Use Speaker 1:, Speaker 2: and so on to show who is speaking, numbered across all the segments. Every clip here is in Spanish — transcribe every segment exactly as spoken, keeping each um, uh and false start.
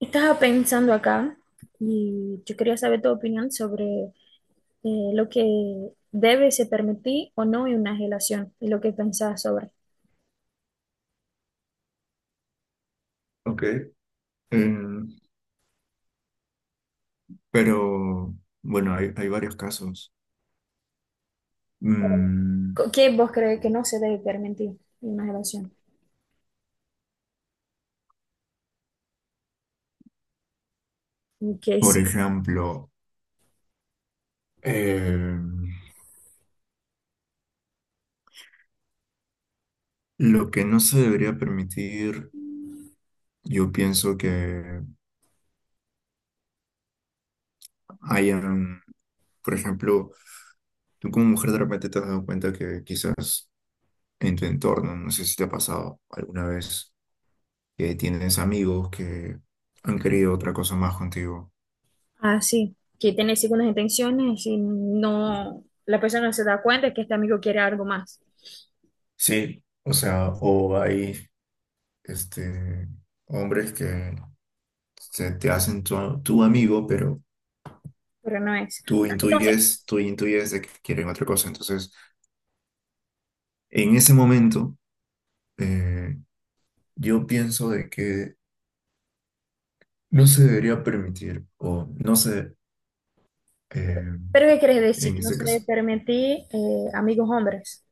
Speaker 1: Estaba pensando acá y yo quería saber tu opinión sobre eh, lo que debe se permitir o no en una relación y lo que pensás sobre.
Speaker 2: Ok, eh, pero bueno, hay, hay varios casos. Mm,
Speaker 1: Co- ¿Qué vos crees que no se debe permitir en una relación? Y que
Speaker 2: por
Speaker 1: sí,
Speaker 2: ejemplo, eh, lo que no se debería permitir, yo pienso que hayan, por ejemplo, tú como mujer de repente te has dado cuenta que quizás en tu entorno, no sé si te ha pasado alguna vez, que tienes amigos que han querido otra cosa más contigo.
Speaker 1: ah, sí, que tiene segundas intenciones y no, la persona no se da cuenta que este amigo quiere algo más,
Speaker 2: Sí, o sea, o hay este, hombres que se te hacen tu, tu amigo, pero
Speaker 1: pero no es.
Speaker 2: tú
Speaker 1: Entonces,
Speaker 2: intuyes, tú intuyes de que quieren otra cosa. Entonces, en ese momento, eh, yo pienso de que no se debería permitir, o no sé, eh,
Speaker 1: ¿pero qué querés decir?
Speaker 2: en
Speaker 1: Que no
Speaker 2: este
Speaker 1: se debe
Speaker 2: caso,
Speaker 1: permitir eh, amigos hombres.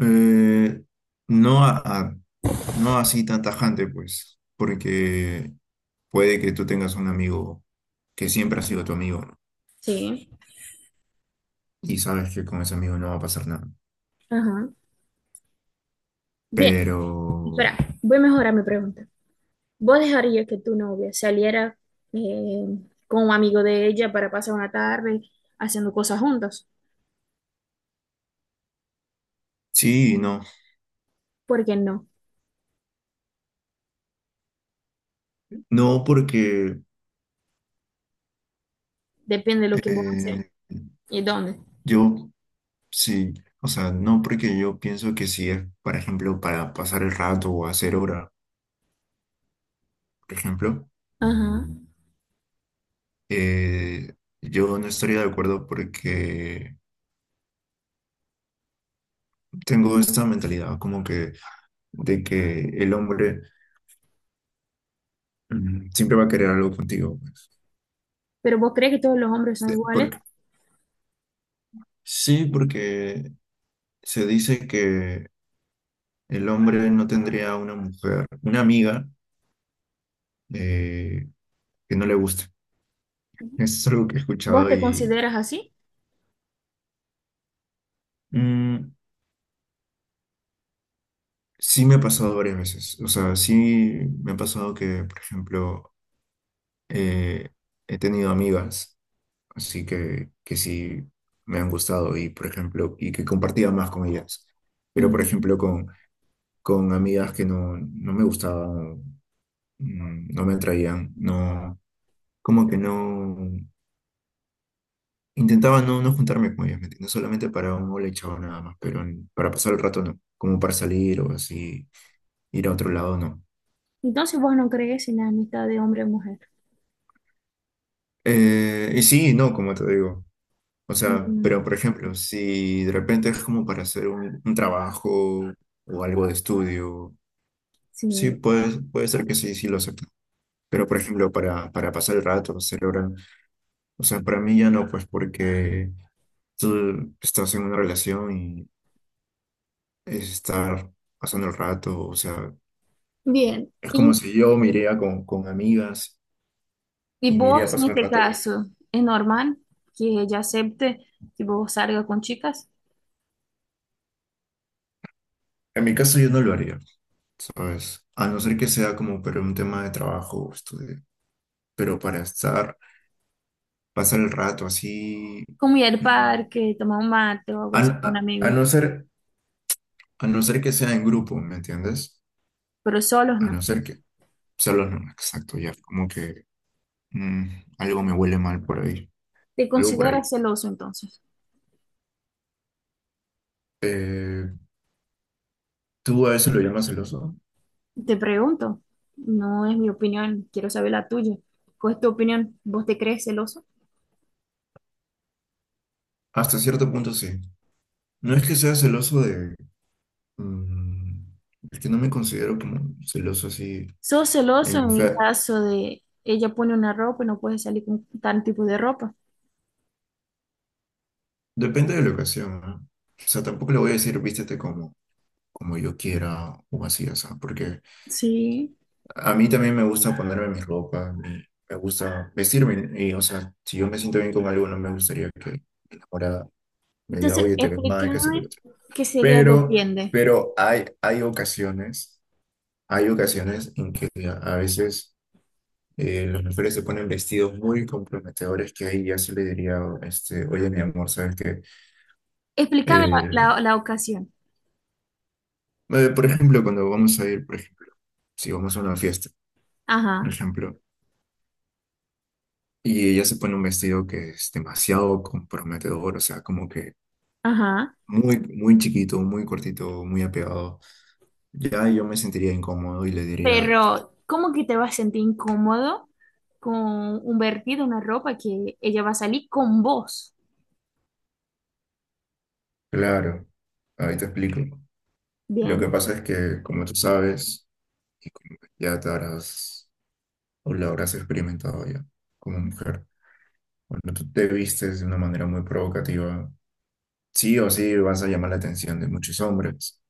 Speaker 2: eh, no a- a- no así tan tajante, pues, porque puede que tú tengas un amigo que siempre ha sido tu amigo, ¿no?
Speaker 1: Sí.
Speaker 2: Y sabes que con ese amigo no va a pasar nada.
Speaker 1: Ajá. Bien,
Speaker 2: Pero
Speaker 1: espera, voy a mejorar mi pregunta. ¿Vos dejarías que tu novia saliera eh, con un amigo de ella para pasar una tarde haciendo cosas juntos?
Speaker 2: sí, no.
Speaker 1: ¿Por qué no?
Speaker 2: No porque
Speaker 1: Depende de lo que vos
Speaker 2: Eh,
Speaker 1: haces y dónde.
Speaker 2: yo sí, o sea, no porque yo pienso que si es, por ejemplo, para pasar el rato o hacer hora, por ejemplo,
Speaker 1: Ajá.
Speaker 2: eh, yo no estaría de acuerdo porque tengo esta mentalidad como que de que el hombre mm, siempre va a querer algo contigo. Pues.
Speaker 1: Pero vos crees que todos los hombres son
Speaker 2: Sí,
Speaker 1: iguales.
Speaker 2: porque, sí, porque se dice que el hombre no tendría una mujer, una amiga eh, que no le guste. Eso es algo que he
Speaker 1: ¿Vos
Speaker 2: escuchado
Speaker 1: te
Speaker 2: y...
Speaker 1: consideras así?
Speaker 2: Mm, sí me ha pasado varias veces. O sea, sí me ha pasado que, por ejemplo, eh, he tenido amigas, así que, que sí me han gustado y, por ejemplo, y que compartía más con ellas. Pero, por
Speaker 1: Ujú.
Speaker 2: ejemplo, con, con amigas que no, no me gustaban, mm, no me atraían, no, como que no, intentaba no, no juntarme con ellas, ¿me entiendes? Solamente para un hola y chao nada más, pero para pasar el rato no, como para salir o así, ir a otro lado no.
Speaker 1: Entonces vos no crees en la amistad de hombre y mujer.
Speaker 2: Eh, y sí, no, como te digo. O sea, pero
Speaker 1: Mm,
Speaker 2: por ejemplo, si de repente es como para hacer un, un trabajo o algo de estudio, sí,
Speaker 1: sí.
Speaker 2: puede, puede ser que sí, sí lo acepten. Pero por ejemplo, para, para pasar el rato, celebrar, o sea, para mí ya no, pues porque tú estás en una relación y es estar pasando el rato, o sea,
Speaker 1: Bien.
Speaker 2: es
Speaker 1: ¿Y,
Speaker 2: como si yo me iría con, con amigas
Speaker 1: y
Speaker 2: y me iría a
Speaker 1: vos en
Speaker 2: pasar el
Speaker 1: este
Speaker 2: rato. Con-
Speaker 1: caso es normal que ella acepte que vos salgas con chicas?
Speaker 2: En mi caso yo no lo haría, ¿sabes? A no ser que sea como para un tema de trabajo o estudio, pero para estar pasar el rato así,
Speaker 1: Como ir al
Speaker 2: mm,
Speaker 1: parque, tomar un mate o algo
Speaker 2: a,
Speaker 1: así con
Speaker 2: a- a
Speaker 1: amigos.
Speaker 2: no ser, a no ser que sea en grupo, ¿me entiendes?
Speaker 1: Pero solos
Speaker 2: A
Speaker 1: no.
Speaker 2: no ser que, solo no, exacto, ya, como que mm, algo me huele mal por ahí,
Speaker 1: ¿Te
Speaker 2: algo por ahí.
Speaker 1: consideras celoso entonces?
Speaker 2: Eh, ¿tú a eso lo llamas celoso?
Speaker 1: Te pregunto, no es mi opinión, quiero saber la tuya. ¿Cuál es tu opinión? ¿Vos te crees celoso?
Speaker 2: Hasta cierto punto sí. No es que sea celoso de, mm, es que no me considero como celoso así,
Speaker 1: ¿Sos celoso
Speaker 2: en
Speaker 1: en
Speaker 2: fe,
Speaker 1: caso de ella pone una ropa y no puedes salir con tal tipo de ropa?
Speaker 2: depende de la ocasión, ¿no? O sea, tampoco le voy a decir vístete como, como yo quiera o así, o sea, porque
Speaker 1: Sí.
Speaker 2: a mí también me gusta ponerme mi ropa, me, me gusta vestirme. Y, o sea, si yo me siento bien con algo, no me gustaría que mi enamorada me diga,
Speaker 1: Entonces,
Speaker 2: oye, te ves mal, que esto, que lo
Speaker 1: explícame
Speaker 2: otro.
Speaker 1: qué sería
Speaker 2: Pero,
Speaker 1: depende.
Speaker 2: pero hay, hay ocasiones, hay ocasiones en que a veces eh, las mujeres se ponen vestidos muy comprometedores que ahí ya se le diría, este, oye, mi amor, ¿sabes qué?
Speaker 1: Explícame
Speaker 2: Eh,
Speaker 1: la, la, la ocasión.
Speaker 2: eh, por ejemplo, cuando vamos a ir, por ejemplo, si vamos a una fiesta, por
Speaker 1: Ajá,
Speaker 2: ejemplo. Y ella se pone un vestido que es demasiado comprometedor, o sea, como que
Speaker 1: ajá.
Speaker 2: muy, muy chiquito, muy cortito, muy apegado. Ya yo me sentiría incómodo y le diría,
Speaker 1: Pero, ¿cómo que te vas a sentir incómodo con un vertido, una ropa que ella va a salir con vos?
Speaker 2: claro, ahí te explico. Lo que
Speaker 1: Bien.
Speaker 2: pasa es que, como tú sabes, y como que ya te habrás o lo habrás experimentado ya como mujer, cuando tú te vistes de una manera muy provocativa, sí o sí vas a llamar la atención de muchos hombres.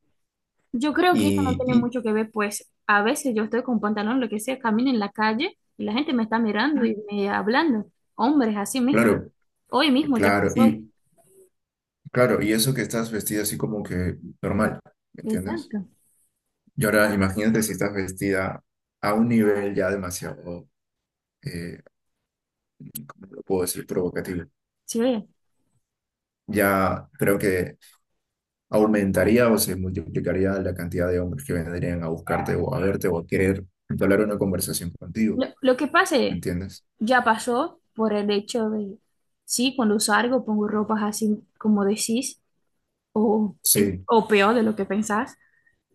Speaker 1: Yo creo que eso no
Speaker 2: Y,
Speaker 1: tiene
Speaker 2: y
Speaker 1: mucho que ver, pues a veces yo estoy con pantalón, lo que sea, camino en la calle y la gente me está mirando y me hablando. Hombres, así mismo.
Speaker 2: claro,
Speaker 1: Hoy mismo ya
Speaker 2: claro,
Speaker 1: pasó.
Speaker 2: y claro, y eso que estás vestida así como que normal, ¿me entiendes?
Speaker 1: Exacto.
Speaker 2: Y ahora imagínate si estás vestida a un nivel ya demasiado, eh, ¿cómo lo puedo decir? Provocativo.
Speaker 1: Sí.
Speaker 2: Ya creo que aumentaría o se multiplicaría la cantidad de hombres que vendrían a buscarte o a verte o a querer entablar una conversación contigo,
Speaker 1: Lo, lo que
Speaker 2: ¿me
Speaker 1: pase
Speaker 2: entiendes?
Speaker 1: ya pasó por el hecho de, sí, cuando salgo pongo ropas así como decís o, eh,
Speaker 2: Sí,
Speaker 1: o peor de lo que pensás,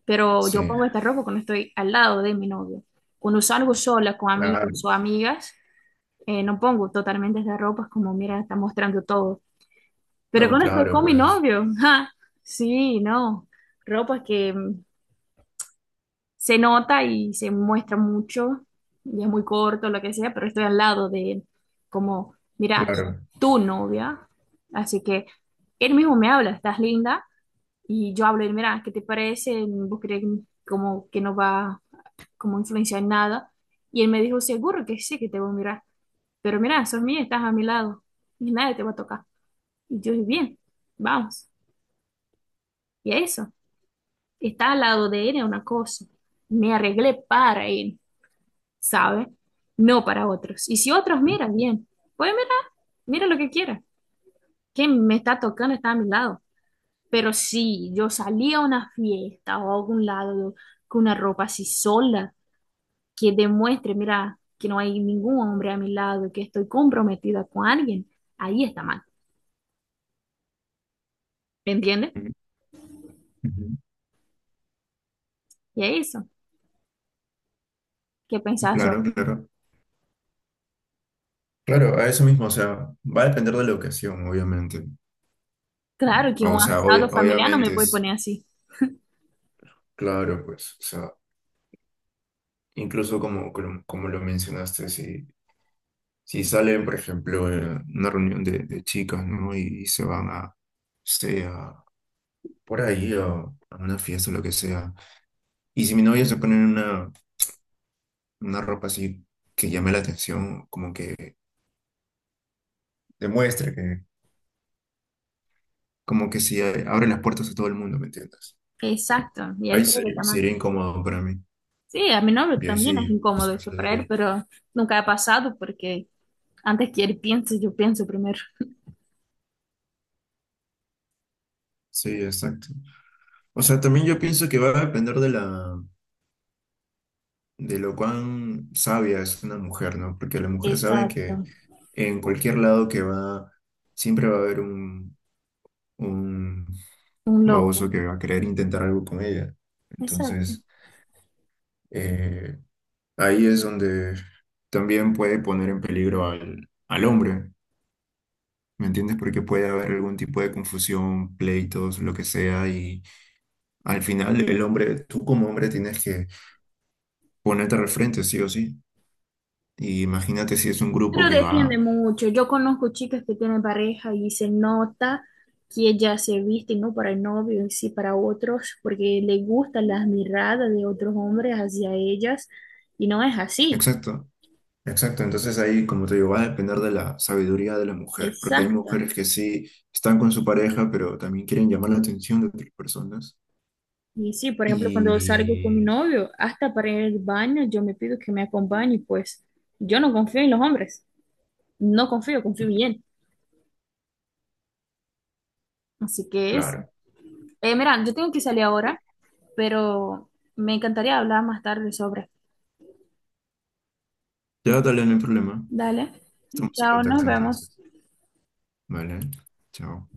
Speaker 1: pero yo
Speaker 2: sí,
Speaker 1: pongo esta ropa cuando estoy al lado de mi novio. Cuando salgo sola con amigos o
Speaker 2: claro,
Speaker 1: amigas. Eh, no pongo totalmente de ropas como, mira, está mostrando todo. Pero
Speaker 2: no,
Speaker 1: cuando estoy
Speaker 2: claro,
Speaker 1: con mi
Speaker 2: pues,
Speaker 1: novio, ja, sí, no, ropas que mm, se nota y se muestra mucho, y es muy corto, lo que sea, pero estoy al lado de él, como, mira, soy
Speaker 2: claro.
Speaker 1: tu novia, así que él mismo me habla, estás linda, y yo hablo, y, mira, ¿qué te parece? ¿Vos crees como que no va como influenciar en nada? Y él me dijo, seguro que sí, que te voy a mirar. Pero mira, sos mía, estás a mi lado y nadie te va a tocar. Y yo dije, bien, vamos. Y eso, estar al lado de él es una cosa. Me arreglé para él, ¿sabes? No para otros. Y si otros miran, bien, pues mira, mira lo que quiera. Quien me está tocando está a mi lado. Pero si yo salía a una fiesta o a algún lado con una ropa así sola, que demuestre, mira, que no hay ningún hombre a mi lado, que estoy comprometida con alguien, ahí está mal. ¿Me entiendes?
Speaker 2: Ujú, ujú,
Speaker 1: Y es eso. Que pensar eso.
Speaker 2: claro, claro. Claro, a eso mismo, o sea, va a depender de la ocasión, obviamente.
Speaker 1: Claro
Speaker 2: Mm,
Speaker 1: que un
Speaker 2: o sea,
Speaker 1: asado
Speaker 2: obvia-
Speaker 1: familiar no me
Speaker 2: obviamente
Speaker 1: voy a
Speaker 2: es
Speaker 1: poner así.
Speaker 2: claro, pues, o sea, incluso como, como, como lo mencionaste, si, si salen, por ejemplo, eh, una reunión de, de chicas, ¿no? Y, se van a, sea, por ahí, a, a una fiesta o lo que sea. Y si mi novia se pone una, una ropa así que llame la atención, como que demuestre que, como que si abre las puertas a todo el mundo, ¿me entiendes?
Speaker 1: Exacto, y
Speaker 2: Ahí
Speaker 1: ahí
Speaker 2: sí,
Speaker 1: creo que está mal.
Speaker 2: sería incómodo para mí.
Speaker 1: Sí, a mi novio
Speaker 2: Y ahí
Speaker 1: también es
Speaker 2: sí, o
Speaker 1: incómodo
Speaker 2: sea, se
Speaker 1: esto
Speaker 2: lo
Speaker 1: para él,
Speaker 2: diría.
Speaker 1: pero nunca ha pasado porque antes que él piense, yo pienso primero.
Speaker 2: Sí, exacto. O sea, también yo pienso que va a depender de la, de lo cuán sabia es una mujer, ¿no? Porque la mujer sabe que
Speaker 1: Exacto,
Speaker 2: en cualquier lado que va, siempre va a haber un, un
Speaker 1: un loco.
Speaker 2: baboso que va a querer intentar algo con ella.
Speaker 1: Exacto.
Speaker 2: Entonces, eh, ahí es donde también puede poner en peligro al, al hombre, ¿me entiendes? Porque puede haber algún tipo de confusión, pleitos, lo que sea, y al final el hombre, tú como hombre tienes que ponerte al frente, sí o sí. Y imagínate si es un grupo
Speaker 1: Pero
Speaker 2: que
Speaker 1: depende
Speaker 2: va...
Speaker 1: mucho. Yo conozco chicas que tienen pareja y se nota que ellas se visten no para el novio, y sí para otros, porque le gustan las miradas de otros hombres hacia ellas y no es así.
Speaker 2: Exacto, exacto. Entonces ahí, como te digo, va a depender de la sabiduría de la mujer, porque hay
Speaker 1: Exacto.
Speaker 2: mujeres que sí están con su pareja, pero también quieren llamar la atención de otras personas.
Speaker 1: Y sí, por ejemplo, cuando salgo con mi
Speaker 2: Y
Speaker 1: novio, hasta para ir al baño, yo me pido que me acompañe, pues yo no confío en los hombres, no confío, confío bien. Así que es.
Speaker 2: claro,
Speaker 1: Eh, mira, yo tengo que salir ahora, pero me encantaría hablar más tarde sobre.
Speaker 2: ya dale, no hay problema.
Speaker 1: Dale,
Speaker 2: Estamos en
Speaker 1: chao, nos
Speaker 2: contacto
Speaker 1: vemos.
Speaker 2: entonces. Vale, chao.